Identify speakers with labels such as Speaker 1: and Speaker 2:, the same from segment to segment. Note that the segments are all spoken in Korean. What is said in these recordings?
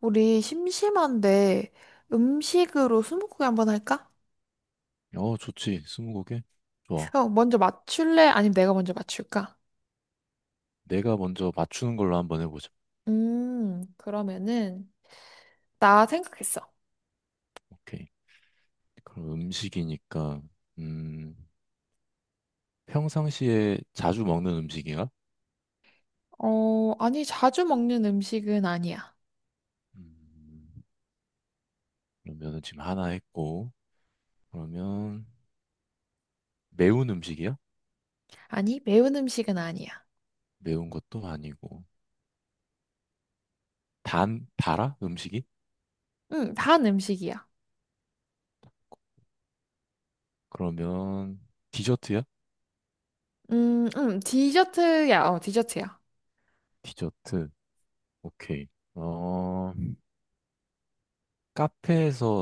Speaker 1: 우리 심심한데 음식으로 스무고개 한번 할까?
Speaker 2: 어, 좋지. 스무고개? 좋아.
Speaker 1: 어, 먼저 맞출래? 아니면 내가 먼저 맞출까?
Speaker 2: 내가 먼저 맞추는 걸로 한번 해보자.
Speaker 1: 그러면은 나 생각했어.
Speaker 2: 오케이. 그럼 음식이니까, 음, 평상시에 자주 먹는 음식이야?
Speaker 1: 어, 아니 자주 먹는 음식은 아니야.
Speaker 2: 음, 그러면은 지금 하나 했고, 그러면 매운 음식이야?
Speaker 1: 아니 매운 음식은 아니야.
Speaker 2: 매운 것도 아니고. 단, 달아? 음식이?
Speaker 1: 단 음식이야.
Speaker 2: 그러면 디저트야?
Speaker 1: 디저트야. 어, 디저트야.
Speaker 2: 디저트. 오케이. 어, 카페에서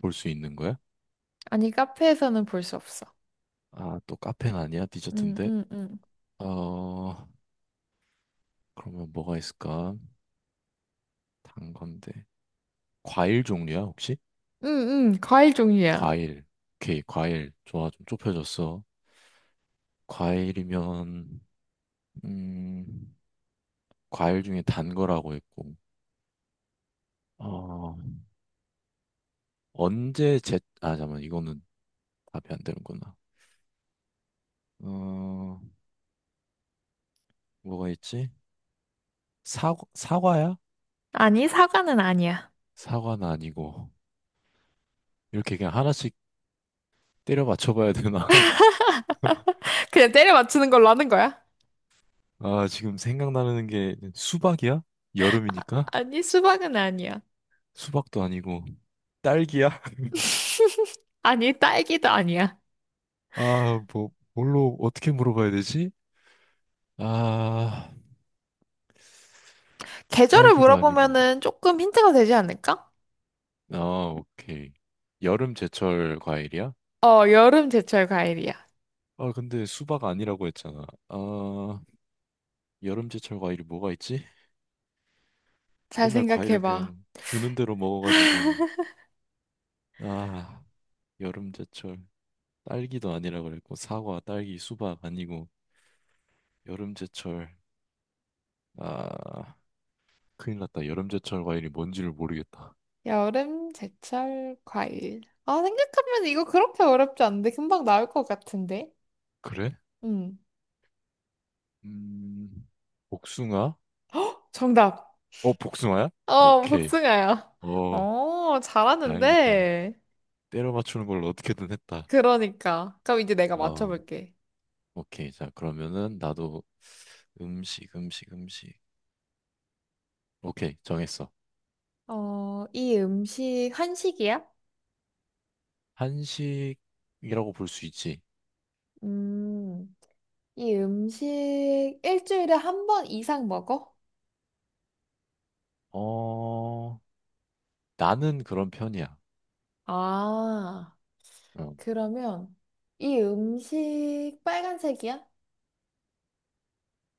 Speaker 2: 볼 수 있는 거야?
Speaker 1: 아니 카페에서는 볼 수 없어.
Speaker 2: 아, 또 카페는 아니야?
Speaker 1: 음,
Speaker 2: 디저트인데?
Speaker 1: 음, 음.
Speaker 2: 어, 그러면 뭐가 있을까? 단 건데. 과일 종류야, 혹시?
Speaker 1: 음, 과일 종류야.
Speaker 2: 과일. 오케이, 과일. 좋아, 좀 좁혀졌어. 과일이면, 음, 과일 중에 단 거라고 했고, 어, 언제 제, 아, 잠깐만, 이거는 답이 안 되는구나. 어, 뭐가 있지? 사, 사과야?
Speaker 1: 아니 사과는 아니야.
Speaker 2: 사과는 아니고. 이렇게 그냥 하나씩 때려 맞춰봐야 되나?
Speaker 1: 그냥 때려 맞추는 걸로 하는 거야.
Speaker 2: 아, 지금 생각나는 게 수박이야? 여름이니까?
Speaker 1: 아니 수박은 아니야.
Speaker 2: 수박도 아니고. 딸기야?
Speaker 1: 아니, 딸기도 아니야.
Speaker 2: 아, 뭐, 뭘로, 어떻게 물어봐야 되지? 아,
Speaker 1: 계절을
Speaker 2: 딸기도 아니고.
Speaker 1: 물어보면은 조금 힌트가 되지 않을까?
Speaker 2: 아, 오케이. 여름 제철 과일이야?
Speaker 1: 어, 여름, 제철, 과일이야.
Speaker 2: 아, 근데 수박 아니라고 했잖아. 아, 여름 제철 과일이 뭐가 있지?
Speaker 1: 잘
Speaker 2: 맨날 과일은
Speaker 1: 생각해봐.
Speaker 2: 그냥 주는 대로 먹어가지고. 아, 여름 제철. 딸기도 아니라고 그랬고, 사과, 딸기, 수박 아니고, 여름 제철. 아, 큰일 났다. 여름 제철 과일이 뭔지를 모르겠다.
Speaker 1: 여름, 제철, 과일. 아, 생각하면 이거 그렇게 어렵지 않은데 금방 나올 것 같은데.
Speaker 2: 그래?
Speaker 1: 음,
Speaker 2: 음, 복숭아?
Speaker 1: 정답.
Speaker 2: 어, 복숭아야?
Speaker 1: 어,
Speaker 2: 오케이.
Speaker 1: 복숭아야.
Speaker 2: 어,
Speaker 1: 어,
Speaker 2: 다행이다.
Speaker 1: 잘하는데.
Speaker 2: 때려 맞추는 걸 어떻게든 했다.
Speaker 1: 그러니까. 그럼 이제 내가
Speaker 2: 어...
Speaker 1: 맞춰볼게.
Speaker 2: 오케이. 자, 그러면은 나도 음식, 음식, 음식. 오케이, 정했어.
Speaker 1: 어, 이 음식 한식이야?
Speaker 2: 한식이라고 볼 수 있지.
Speaker 1: 음, 이 음식 일주일에 한 번 이상 먹어?
Speaker 2: 어, 나는 그런 편이야.
Speaker 1: 아,
Speaker 2: 어,
Speaker 1: 그러면 이 음식 빨간색이야?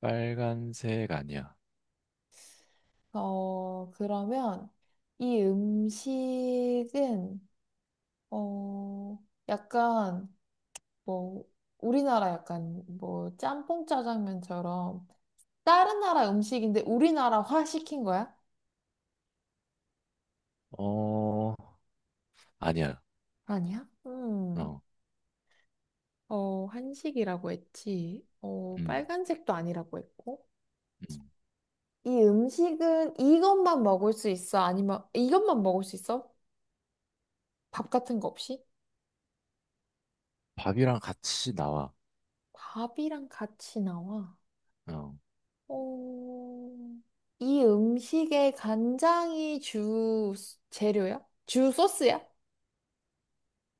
Speaker 2: 빨간색 아니야.
Speaker 1: 어, 그러면 이 음식은 어, 약간 뭐 우리나라 약간 뭐 짬뽕 짜장면처럼 다른 나라 음식인데 우리나라화 시킨 거야?
Speaker 2: 어, 아니야.
Speaker 1: 아니야?
Speaker 2: 어,
Speaker 1: 어, 한식이라고 했지. 어,
Speaker 2: 음,
Speaker 1: 빨간색도 아니라고 했고.
Speaker 2: 음.
Speaker 1: 이 음식은 이것만 먹을 수 있어? 아니면 이것만 먹을 수 있어? 밥 같은 거 없이?
Speaker 2: 밥이랑 같이 나와.
Speaker 1: 밥이랑 같이 나와.
Speaker 2: 어,
Speaker 1: 어, 이 음식에 간장이 주 재료야? 주 소스야?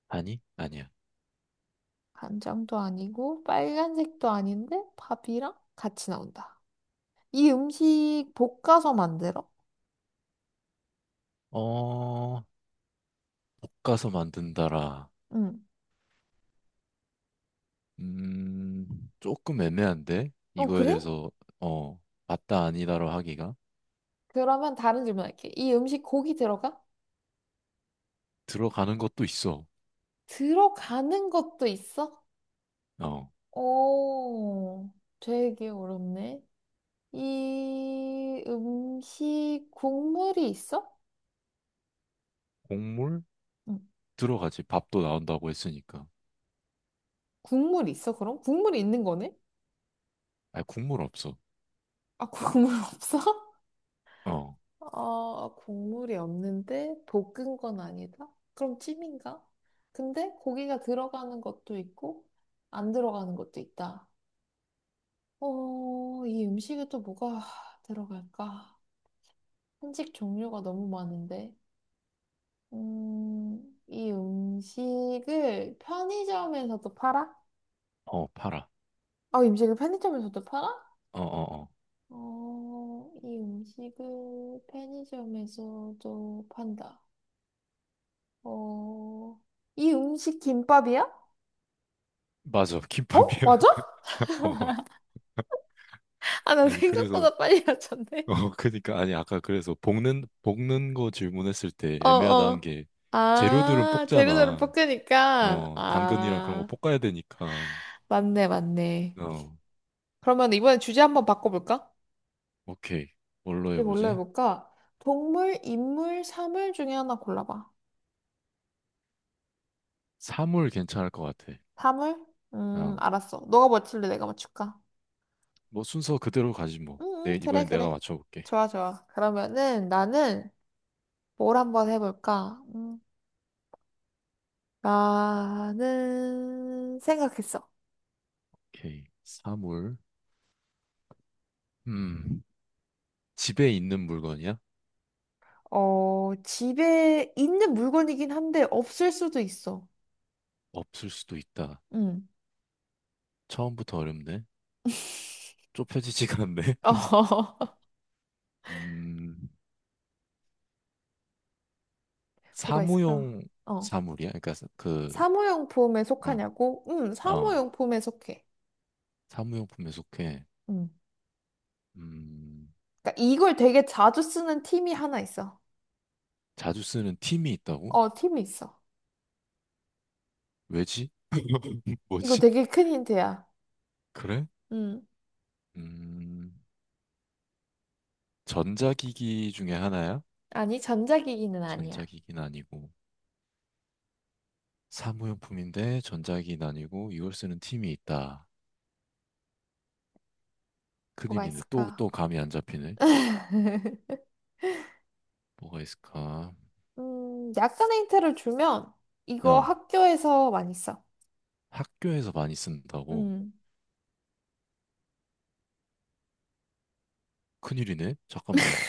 Speaker 2: 아니? 아니야.
Speaker 1: 간장도 아니고 빨간색도 아닌데 밥이랑 같이 나온다. 이 음식 볶아서 만들어?
Speaker 2: 어, 볶아서 만든다라.
Speaker 1: 응.
Speaker 2: 음, 조금 애매한데?
Speaker 1: 어,
Speaker 2: 이거에
Speaker 1: 그래?
Speaker 2: 대해서, 어, 맞다 아니다로 하기가?
Speaker 1: 그러면 다른 질문할게. 이 음식 고기 들어가?
Speaker 2: 들어가는 것도 있어.
Speaker 1: 들어가는 것도 있어?
Speaker 2: 어,
Speaker 1: 오, 되게 어렵네. 이 음식 국물이 있어?
Speaker 2: 곡물?
Speaker 1: 응.
Speaker 2: 들어가지. 밥도 나온다고 했으니까.
Speaker 1: 국물 있어, 그럼? 국물이 있는 거네?
Speaker 2: 아, 국물 없어.
Speaker 1: 아, 국물 없어?
Speaker 2: 어,
Speaker 1: 어, 국물이 없는데 볶은 건 아니다? 그럼 찜인가? 근데 고기가 들어가는 것도 있고 안 들어가는 것도 있다. 어, 이 음식에 또 뭐가 들어갈까? 한식 종류가 너무 많은데. 이 음식을 편의점에서도 팔아?
Speaker 2: 어, 팔아.
Speaker 1: 아, 이 음식을 편의점에서도 팔아?
Speaker 2: 어, 어, 어.
Speaker 1: 어, 이 음식을 편의점에서도 판다. 어, 이 음식 김밥이야?
Speaker 2: 맞아.
Speaker 1: 어?
Speaker 2: 김밥이야.
Speaker 1: 맞아?
Speaker 2: 어,
Speaker 1: 아, 나
Speaker 2: 아니, 그래서,
Speaker 1: 생각보다 빨리 맞췄네.
Speaker 2: 어, 그니까, 아니, 아까 그래서 볶는 거 질문했을 때
Speaker 1: 어,
Speaker 2: 애매하다는
Speaker 1: 어.
Speaker 2: 게 재료들은
Speaker 1: 아, 재료대로
Speaker 2: 볶잖아.
Speaker 1: 볶으니까
Speaker 2: 당근이랑 그런 거
Speaker 1: 아,
Speaker 2: 볶아야 되니까.
Speaker 1: 맞네, 맞네.
Speaker 2: 어,
Speaker 1: 그러면 이번에 주제 한번 바꿔볼까?
Speaker 2: 오케이.
Speaker 1: 주
Speaker 2: 뭘로
Speaker 1: 제 뭘로
Speaker 2: 해보지?
Speaker 1: 해볼까? 동물, 인물, 사물 중에 하나 골라봐.
Speaker 2: 사물 괜찮을 것 같아.
Speaker 1: 사물?
Speaker 2: 그냥
Speaker 1: 알았어. 너가 맞출래? 내가 맞출까?
Speaker 2: 뭐 순서 그대로 가지 뭐.
Speaker 1: 응, 응,
Speaker 2: 내
Speaker 1: 그래,
Speaker 2: 이번엔 내가
Speaker 1: 그래.
Speaker 2: 맞춰볼게.
Speaker 1: 좋아, 좋아. 그러면은 나는 뭘 한번 해볼까? 나는 생각했어.
Speaker 2: 오케이. 사물. 음. 집에 있는 물건이야?
Speaker 1: 어, 집에 있는 물건이긴 한데 없을 수도 있어.
Speaker 2: 없을 수도 있다.
Speaker 1: 응.
Speaker 2: 처음부터 어렵네. 좁혀지지가 않네.
Speaker 1: 어,
Speaker 2: 음.
Speaker 1: 뭐가 있을까?
Speaker 2: 사무용
Speaker 1: 어.
Speaker 2: 사물이야? 그러니까 사- 그
Speaker 1: 사무용품에
Speaker 2: 어.
Speaker 1: 속하냐고? 응,
Speaker 2: 어.
Speaker 1: 사무용품에 속해.
Speaker 2: 사무용품에 속해.
Speaker 1: 응.
Speaker 2: 음.
Speaker 1: 그러니까 이걸 되게 자주 쓰는 팀이 하나 있어.
Speaker 2: 자주 쓰는 팀이 있다고?
Speaker 1: 어, 팀이 있어.
Speaker 2: 왜지?
Speaker 1: 이거
Speaker 2: 뭐지?
Speaker 1: 되게 큰 힌트야.
Speaker 2: 그래?
Speaker 1: 응.
Speaker 2: 음. 전자기기 중에 하나야?
Speaker 1: 아니, 전자기기는 아니야.
Speaker 2: 전자기기는 아니고. 사무용품인데 전자기기 아니고 이걸 쓰는 팀이 있다.
Speaker 1: 뭐가
Speaker 2: 큰일이네.
Speaker 1: 있을까?
Speaker 2: 또 감이 안 잡히네. 뭐가 있을까?
Speaker 1: 약간의 힌트를 주면 이거
Speaker 2: 나
Speaker 1: 학교에서 많이 써.
Speaker 2: 학교에서 많이 쓴다고.
Speaker 1: 음,
Speaker 2: 큰일이네. 잠깐만.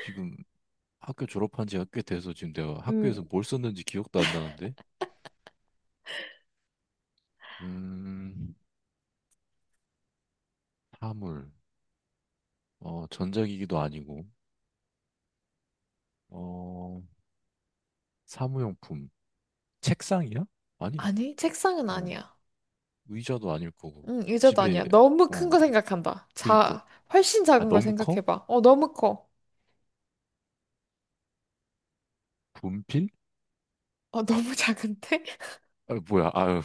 Speaker 2: 지금 학교 졸업한 지가 꽤 돼서 지금 내가 학교에서
Speaker 1: 음,
Speaker 2: 뭘 썼는지 기억도 안 나는데? 음, 사물. 전자기기도 아니고. 어, 사무용품. 책상이야? 아니,
Speaker 1: 아니, 책상은
Speaker 2: 어,
Speaker 1: 아니야.
Speaker 2: 의자도 아닐 거고.
Speaker 1: 의자도
Speaker 2: 집에,
Speaker 1: 아니야. 너무 큰
Speaker 2: 어,
Speaker 1: 거 생각한다.
Speaker 2: 그니까.
Speaker 1: 자, 훨씬
Speaker 2: 아,
Speaker 1: 작은 걸
Speaker 2: 너무 커?
Speaker 1: 생각해봐. 어, 너무 커.
Speaker 2: 분필?
Speaker 1: 어, 너무 작은데?
Speaker 2: 아, 뭐야, 아유.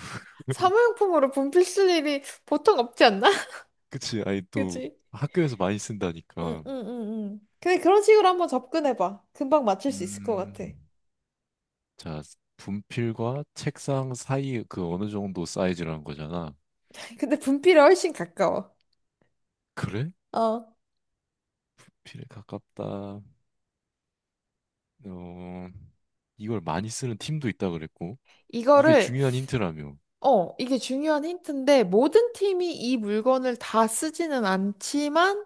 Speaker 1: 사무용품으로 분필 쓸 일이 보통 없지 않나?
Speaker 2: 그치. 아니, 또
Speaker 1: 그지?
Speaker 2: 학교에서 많이
Speaker 1: 응,
Speaker 2: 쓴다니까.
Speaker 1: 응, 응, 응. 근데 그런 식으로 한번 접근해봐. 금방 맞출 수 있을 것
Speaker 2: 음,
Speaker 1: 같아.
Speaker 2: 자, 분필과 책상 사이 그 어느 정도 사이즈라는 거잖아.
Speaker 1: 근데 분필이 훨씬 가까워.
Speaker 2: 그래?
Speaker 1: 어.
Speaker 2: 분필에 가깝다. 어, 이걸 많이 쓰는 팀도 있다 그랬고. 이게
Speaker 1: 이거를
Speaker 2: 중요한 힌트라며.
Speaker 1: 이게 중요한 힌트인데, 모든 팀이 이 물건을 다 쓰지는 않지만,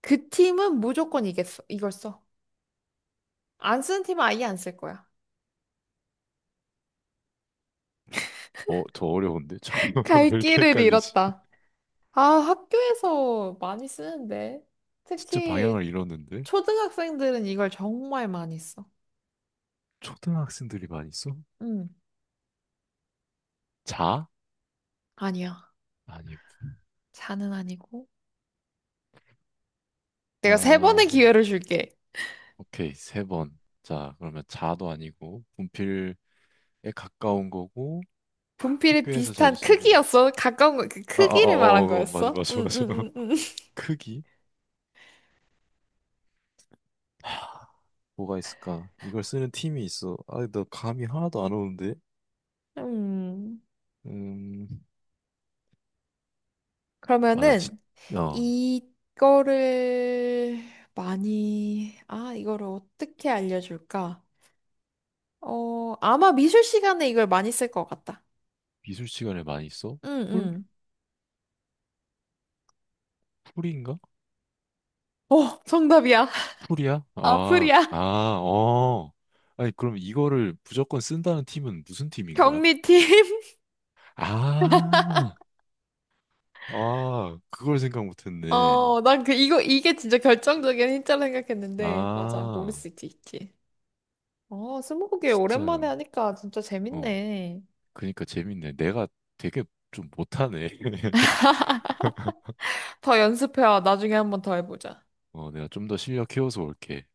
Speaker 1: 그 팀은 무조건 이겠어. 이걸 써. 안 쓰는 팀은 아예 안 쓸 거야.
Speaker 2: 어, 더 어려운데? 잠깐만,
Speaker 1: 갈
Speaker 2: 왜 이렇게
Speaker 1: 길을
Speaker 2: 헷갈리지?
Speaker 1: 잃었다. 아, 학교에서 많이 쓰는데.
Speaker 2: 진짜 방향을
Speaker 1: 특히
Speaker 2: 잃었는데?
Speaker 1: 초등학생들은 이걸 정말 많이 써.
Speaker 2: 초등학생들이 많이 써?
Speaker 1: 음,
Speaker 2: 자?
Speaker 1: 아니야.
Speaker 2: 아니고.
Speaker 1: 자는 아니고. 내가 세 번의
Speaker 2: 아,
Speaker 1: 기회를 줄게.
Speaker 2: 오케이. 세 번. 자, 그러면 자도 아니고, 분필 에 가까운 거고,
Speaker 1: 분필이
Speaker 2: 학교에서 자주
Speaker 1: 비슷한
Speaker 2: 쓰고.
Speaker 1: 크기였어. 가까운 거, 그
Speaker 2: 아, 아, 아, 어,
Speaker 1: 크기를 말한
Speaker 2: 어, 어, 맞아,
Speaker 1: 거였어.
Speaker 2: 맞아,
Speaker 1: 응,
Speaker 2: 맞아.
Speaker 1: 응, 응,
Speaker 2: 크기? 하, 뭐가 있을까? 이걸 쓰는 팀이 있어. 아, 나 감이 하나도 안 오는데.
Speaker 1: 응
Speaker 2: 음, 아, 나 진,
Speaker 1: 그러면은
Speaker 2: 어,
Speaker 1: 이거를 많이 아 이거를 어떻게 알려줄까? 어 아마 미술 시간에 이걸 많이 쓸 것 같다.
Speaker 2: 미술 시간에 많이 써? 풀?
Speaker 1: 응응.
Speaker 2: 풀인가?
Speaker 1: 어 정답이야.
Speaker 2: 풀이야? 아,
Speaker 1: 아프리아
Speaker 2: 아, 어. 아니, 그럼 이거를 무조건 쓴다는 팀은 무슨 팀인 거야?
Speaker 1: 경리팀.
Speaker 2: 아, 아, 그걸 생각 못 했네.
Speaker 1: 어 난 그 이거 이게 진짜 결정적인 힌트라 생각했는데 맞아 모를
Speaker 2: 아,
Speaker 1: 수 있지. 어 스무고개 오랜만에
Speaker 2: 진짜,
Speaker 1: 하니까 진짜
Speaker 2: 어.
Speaker 1: 재밌네.
Speaker 2: 그니까 재밌네. 내가 되게 좀 못하네.
Speaker 1: 더 연습해와 나중에 한번 더 해보자.
Speaker 2: 어, 내가 좀 더 실력 키워서 올게.